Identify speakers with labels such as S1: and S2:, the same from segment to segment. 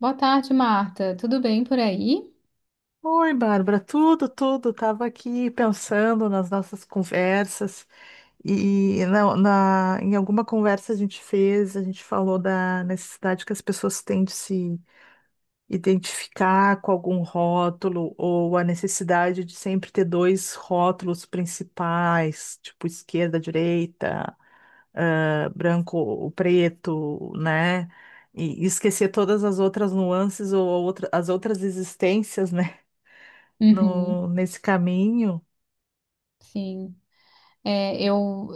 S1: Boa tarde, Marta. Tudo bem por aí?
S2: Oi, Bárbara, tudo. Estava aqui pensando nas nossas conversas e em alguma conversa a gente fez, a gente falou da necessidade que as pessoas têm de se identificar com algum rótulo ou a necessidade de sempre ter dois rótulos principais, tipo esquerda, direita, branco ou preto, né? E esquecer todas as outras nuances ou as outras existências, né?
S1: Uhum,
S2: No, Nesse caminho.
S1: sim. É, eu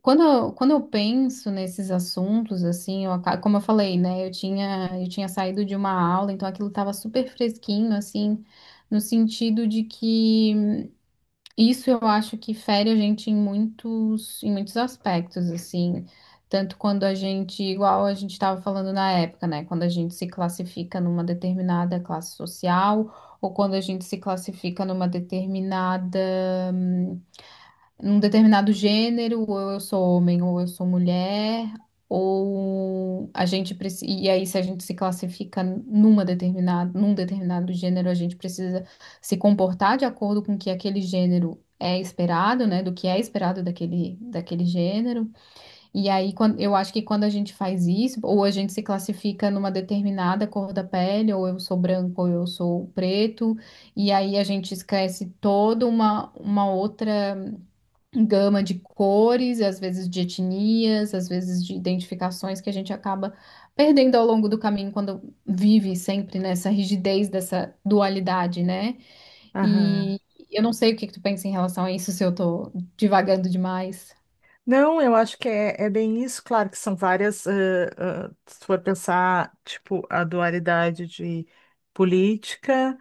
S1: quando, eu- quando eu penso nesses assuntos, assim, como eu falei, né? Eu tinha saído de uma aula, então aquilo estava super fresquinho, assim, no sentido de que isso eu acho que fere a gente em muitos aspectos, assim. Tanto quando a gente, igual a gente estava falando na época, né? Quando a gente se classifica numa determinada classe social, ou quando a gente se classifica num determinado gênero, ou eu sou homem, ou eu sou mulher, ou a gente precisa. E aí, se a gente se classifica num determinado gênero, a gente precisa se comportar de acordo com o que aquele gênero é esperado, né? Do que é esperado daquele gênero. E aí, eu acho que quando a gente faz isso, ou a gente se classifica numa determinada cor da pele, ou eu sou branco, ou eu sou preto, e aí a gente esquece toda uma outra gama de cores, às vezes de etnias, às vezes de identificações que a gente acaba perdendo ao longo do caminho quando vive sempre nessa rigidez dessa dualidade, né?
S2: Aham.
S1: E eu não sei o que que tu pensa em relação a isso, se eu tô divagando demais.
S2: Não, eu acho que é, é bem isso. Claro que são várias, se for pensar, tipo, a dualidade de política,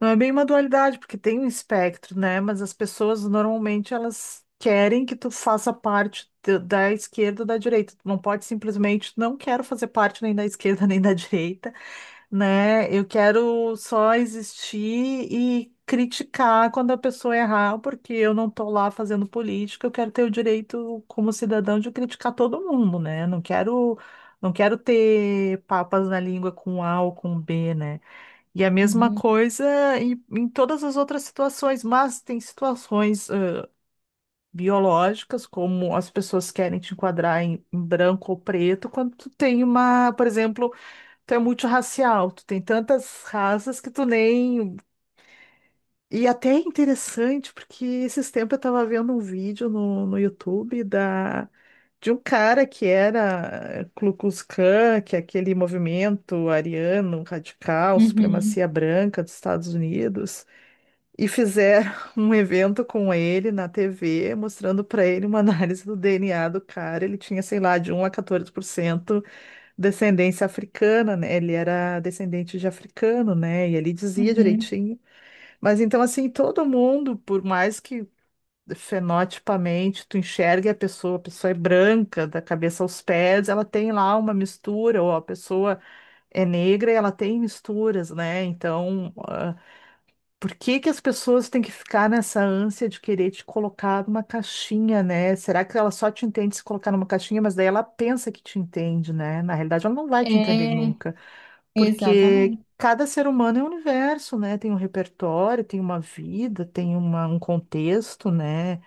S2: não é bem uma dualidade, porque tem um espectro, né? Mas as pessoas normalmente elas querem que tu faça parte da esquerda ou da direita. Tu não pode simplesmente, não quero fazer parte nem da esquerda nem da direita, né? Eu quero só existir e criticar quando a pessoa errar, porque eu não estou lá fazendo política, eu quero ter o direito como cidadão de criticar todo mundo, né? Não quero ter papas na língua com A ou com B, né? E a mesma
S1: Uhum.
S2: coisa em todas as outras situações, mas tem situações biológicas, como as pessoas querem te enquadrar em branco ou preto, quando tu tem uma, por exemplo. Tu é multirracial, tu tem tantas raças que tu nem. E até é interessante, porque esses tempos eu tava vendo um vídeo no YouTube de um cara que era Ku Klux Klan, que é aquele movimento ariano radical,
S1: Uhum.
S2: supremacia branca dos Estados Unidos, e fizeram um evento com ele na TV, mostrando para ele uma análise do DNA do cara. Ele tinha, sei lá, de um a 14% descendência africana, né? Ele era descendente de africano, né? E ele dizia
S1: Uhum.
S2: direitinho. Mas então, assim, todo mundo, por mais que fenotipamente tu enxergue a pessoa é branca, da cabeça aos pés, ela tem lá uma mistura, ou a pessoa é negra e ela tem misturas, né? Então, por que que as pessoas têm que ficar nessa ânsia de querer te colocar numa caixinha, né? Será que ela só te entende se colocar numa caixinha, mas daí ela pensa que te entende, né? Na realidade, ela não vai te entender
S1: É,
S2: nunca, porque
S1: exatamente.
S2: cada ser humano é um universo, né? Tem um repertório, tem uma vida, tem um contexto, né?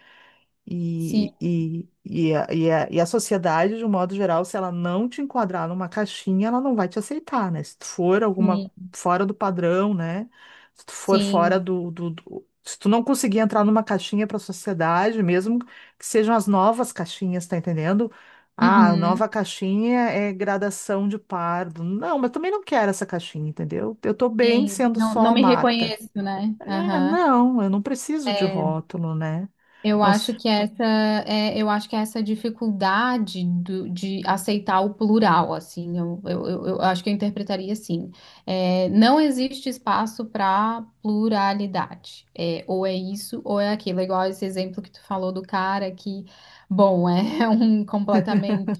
S1: Sim,
S2: E a sociedade, de um modo geral, se ela não te enquadrar numa caixinha, ela não vai te aceitar, né? Se tu for alguma
S1: sim,
S2: fora do padrão, né? Se tu for fora
S1: sim.
S2: Se tu não conseguir entrar numa caixinha para a sociedade, mesmo que sejam as novas caixinhas, tá entendendo? Ah, a
S1: Uhum.
S2: nova caixinha é gradação de pardo. Não, mas também não quero essa caixinha, entendeu? Eu tô bem
S1: Sim.
S2: sendo
S1: Não,
S2: só
S1: não
S2: a
S1: me
S2: Marta.
S1: reconheço, né?
S2: É,
S1: Aham.
S2: não, eu não preciso de rótulo, né?
S1: Eu
S2: Não.
S1: acho que essa eu acho que essa dificuldade de aceitar o plural, assim, eu acho que eu interpretaria assim. É, não existe espaço para pluralidade. É, ou é isso ou é aquilo. É igual esse exemplo que tu falou do cara que, bom, é um completamente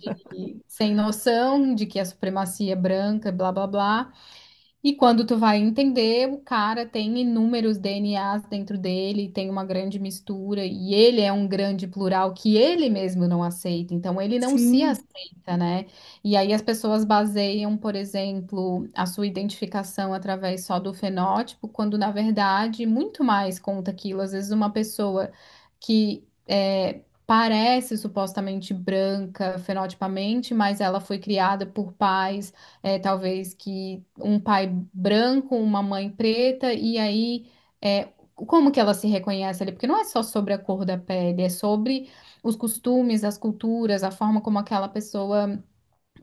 S1: sem noção de que a supremacia é branca, blá blá blá. E quando tu vai entender, o cara tem inúmeros DNAs dentro dele, tem uma grande mistura, e ele é um grande plural que ele mesmo não aceita, então ele não se
S2: Sim,
S1: aceita, né? E aí as pessoas baseiam, por exemplo, a sua identificação através só do fenótipo, quando na verdade muito mais conta aquilo. Às vezes uma pessoa que é, parece supostamente branca fenotipamente, mas ela foi criada por pais é, talvez que um pai branco, uma mãe preta, e aí é, como que ela se reconhece ali? Porque não é só sobre a cor da pele, é sobre os costumes, as culturas, a forma como aquela pessoa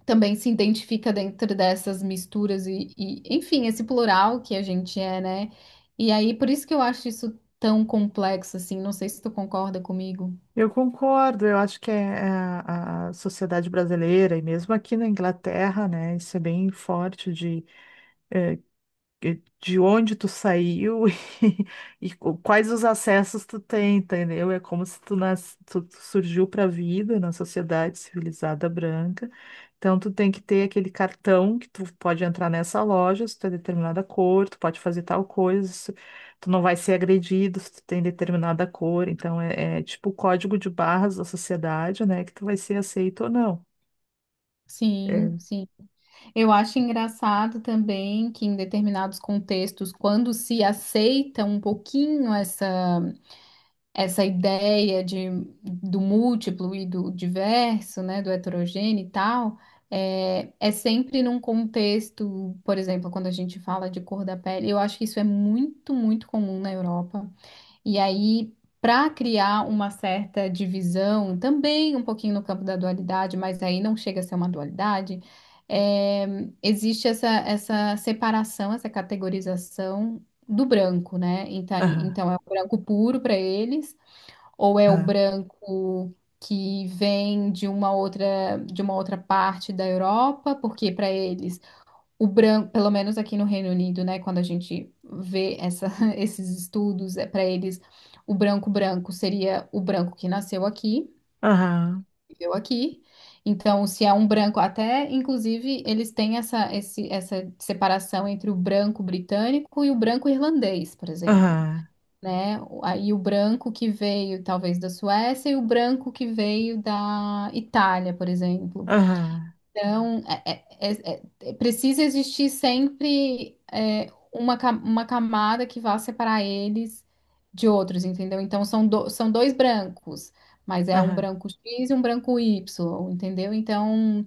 S1: também se identifica dentro dessas misturas e, enfim, esse plural que a gente é, né? E aí, por isso que eu acho isso tão complexo, assim, não sei se tu concorda comigo.
S2: eu concordo. Eu acho que é, é a sociedade brasileira, e mesmo aqui na Inglaterra, né, isso é bem forte de onde tu saiu e, quais os acessos tu tem, entendeu? É como se tu, tu surgiu para a vida na sociedade civilizada branca. Então, tu tem que ter aquele cartão que tu pode entrar nessa loja, se tu é determinada cor, tu pode fazer tal coisa, se tu não vai ser agredido se tu tem determinada cor. Então, é, é tipo o código de barras da sociedade, né? Que tu vai ser aceito ou não.
S1: Sim,
S2: É.
S1: sim. Eu acho engraçado também que em determinados contextos, quando se aceita um pouquinho essa ideia do múltiplo e do diverso, né, do heterogêneo e tal, é, é sempre num contexto, por exemplo, quando a gente fala de cor da pele, eu acho que isso é muito, muito comum na Europa. E aí, para criar uma certa divisão, também um pouquinho no campo da dualidade, mas aí não chega a ser uma dualidade, é, existe essa separação, essa categorização do branco, né? Então,
S2: Aham,
S1: então é o branco puro para eles, ou é o branco que vem de uma outra parte da Europa, porque para eles. O branco, pelo menos aqui no Reino Unido, né, quando a gente vê essa, esses estudos, é para eles o branco branco seria o branco que nasceu aqui,
S2: aham,
S1: viveu aqui. Então, se é um branco, até inclusive eles têm essa separação entre o branco britânico e o branco irlandês, por exemplo,
S2: aham,
S1: né? Aí o branco que veio talvez da Suécia e o branco que veio da Itália, por exemplo.
S2: aham, aham,
S1: Então, é- é- é- precisa existir sempre é, uma camada que vá separar eles de outros, entendeu? Então, são dois brancos, mas é um
S2: aham.
S1: branco X e um branco Y, entendeu? Então,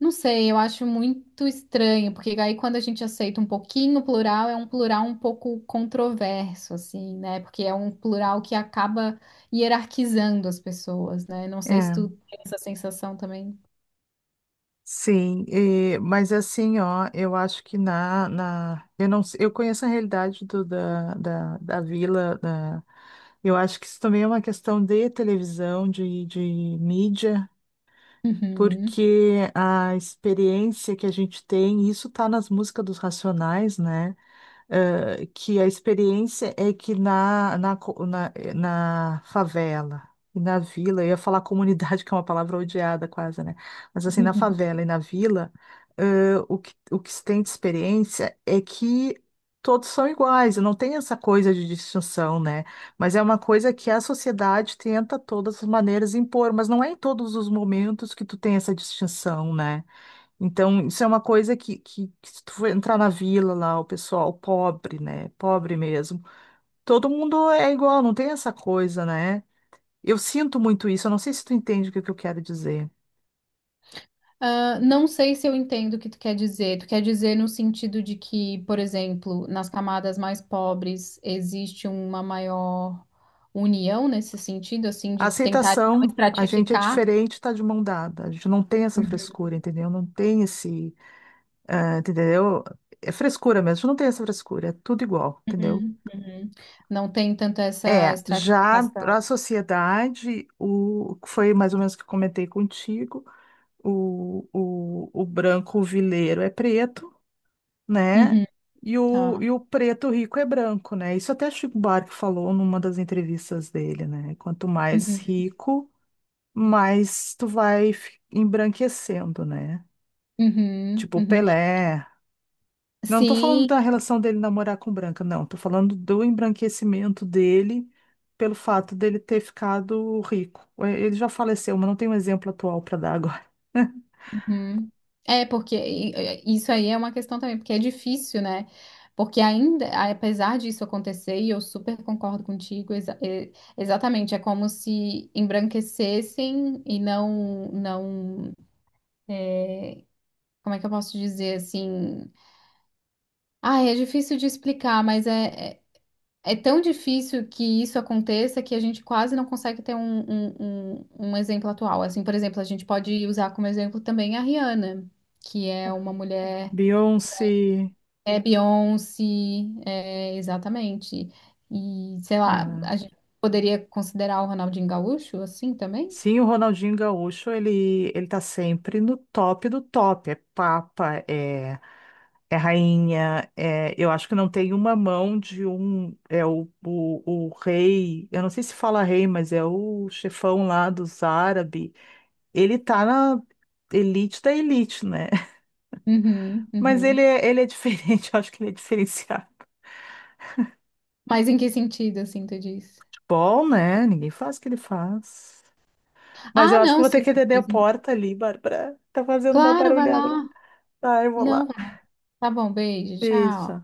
S1: não sei, eu acho muito estranho, porque aí quando a gente aceita um pouquinho o plural, é um plural um pouco controverso, assim, né? Porque é um plural que acaba hierarquizando as pessoas, né? Não sei se tu
S2: É.
S1: tem essa sensação também.
S2: Sim, e- mas assim, ó, eu acho que na, na eu não, sei- eu conheço a realidade da vila, da, eu acho que isso também é uma questão de televisão, de mídia,
S1: Uhum.
S2: porque a experiência que a gente tem, isso tá nas músicas dos Racionais, né? Que a experiência é que na favela e na vila, eu ia falar comunidade, que é uma palavra odiada quase, né? Mas assim, na favela e na vila, o que se tem de experiência é que todos são iguais, não tem essa coisa de distinção, né? Mas é uma coisa que a sociedade tenta, todas as maneiras, impor, mas não é em todos os momentos que tu tem essa distinção, né? Então, isso é uma coisa que se tu for entrar na vila lá, o pessoal pobre, né? Pobre mesmo. Todo mundo é igual, não tem essa coisa, né? Eu sinto muito isso, eu não sei se tu entende o que eu quero dizer.
S1: Ah, não sei se eu entendo o que tu quer dizer. Tu quer dizer no sentido de que, por exemplo, nas camadas mais pobres existe uma maior união nesse sentido, assim,
S2: A
S1: de tentar não
S2: aceitação, a gente é
S1: estratificar?
S2: diferente, tá de mão dada. A gente não tem essa
S1: Uhum,
S2: frescura, entendeu? Não tem esse, ah, entendeu? É frescura mesmo, a gente não tem essa frescura, é tudo igual, entendeu?
S1: uhum, uhum. Não tem tanto essa
S2: É, já para
S1: estratificação.
S2: a sociedade, o foi mais ou menos o que eu comentei contigo. O branco vileiro é preto, né?
S1: Uhum,
S2: E o,
S1: tá.
S2: e o preto rico é branco, né? Isso até Chico Buarque falou numa das entrevistas dele, né? Quanto mais
S1: Uhum,
S2: rico, mais tu vai embranquecendo, né?
S1: uhum,
S2: Tipo o
S1: uhum.
S2: Pelé. Não tô falando
S1: Sim.
S2: da relação dele namorar com branca, não. Tô falando do embranquecimento dele pelo fato dele ter ficado rico. É, ele já faleceu, mas não tem um exemplo atual para dar agora.
S1: Hum. É, porque isso aí é uma questão também, porque é difícil, né? Porque ainda, apesar disso acontecer, e eu super concordo contigo, exatamente, é como se embranquecessem e não, não, como é que eu posso dizer assim? Ah, é difícil de explicar, mas é tão difícil que isso aconteça que a gente quase não consegue ter um exemplo atual. Assim, por exemplo, a gente pode usar como exemplo também a Rihanna, que é uma mulher.
S2: Beyoncé.
S1: É Beyoncé, é, exatamente. E, sei lá, a gente poderia considerar o Ronaldinho Gaúcho assim também?
S2: Sim, o Ronaldinho Gaúcho, ele tá sempre no top do top. É papa, é, é rainha, é, eu acho que não tem uma mão de um, é o rei, eu não sei se fala rei, mas é o chefão lá dos árabes. Ele tá na elite da elite, né?
S1: Uhum,
S2: Mas
S1: uhum.
S2: ele é diferente, eu acho que ele é diferenciado.
S1: Mas em que sentido, assim, tu diz?
S2: Bom, né? Ninguém faz o que ele faz. Mas
S1: Ah,
S2: eu acho que eu
S1: não,
S2: vou ter
S1: sim.
S2: que atender a
S1: diz-
S2: porta ali, Bárbara. Tá fazendo uma
S1: Claro, vai
S2: barulhada lá.
S1: lá.
S2: Tá, eu vou
S1: Não,
S2: lá.
S1: vai lá. Tá bom, beijo, tchau.
S2: Isso.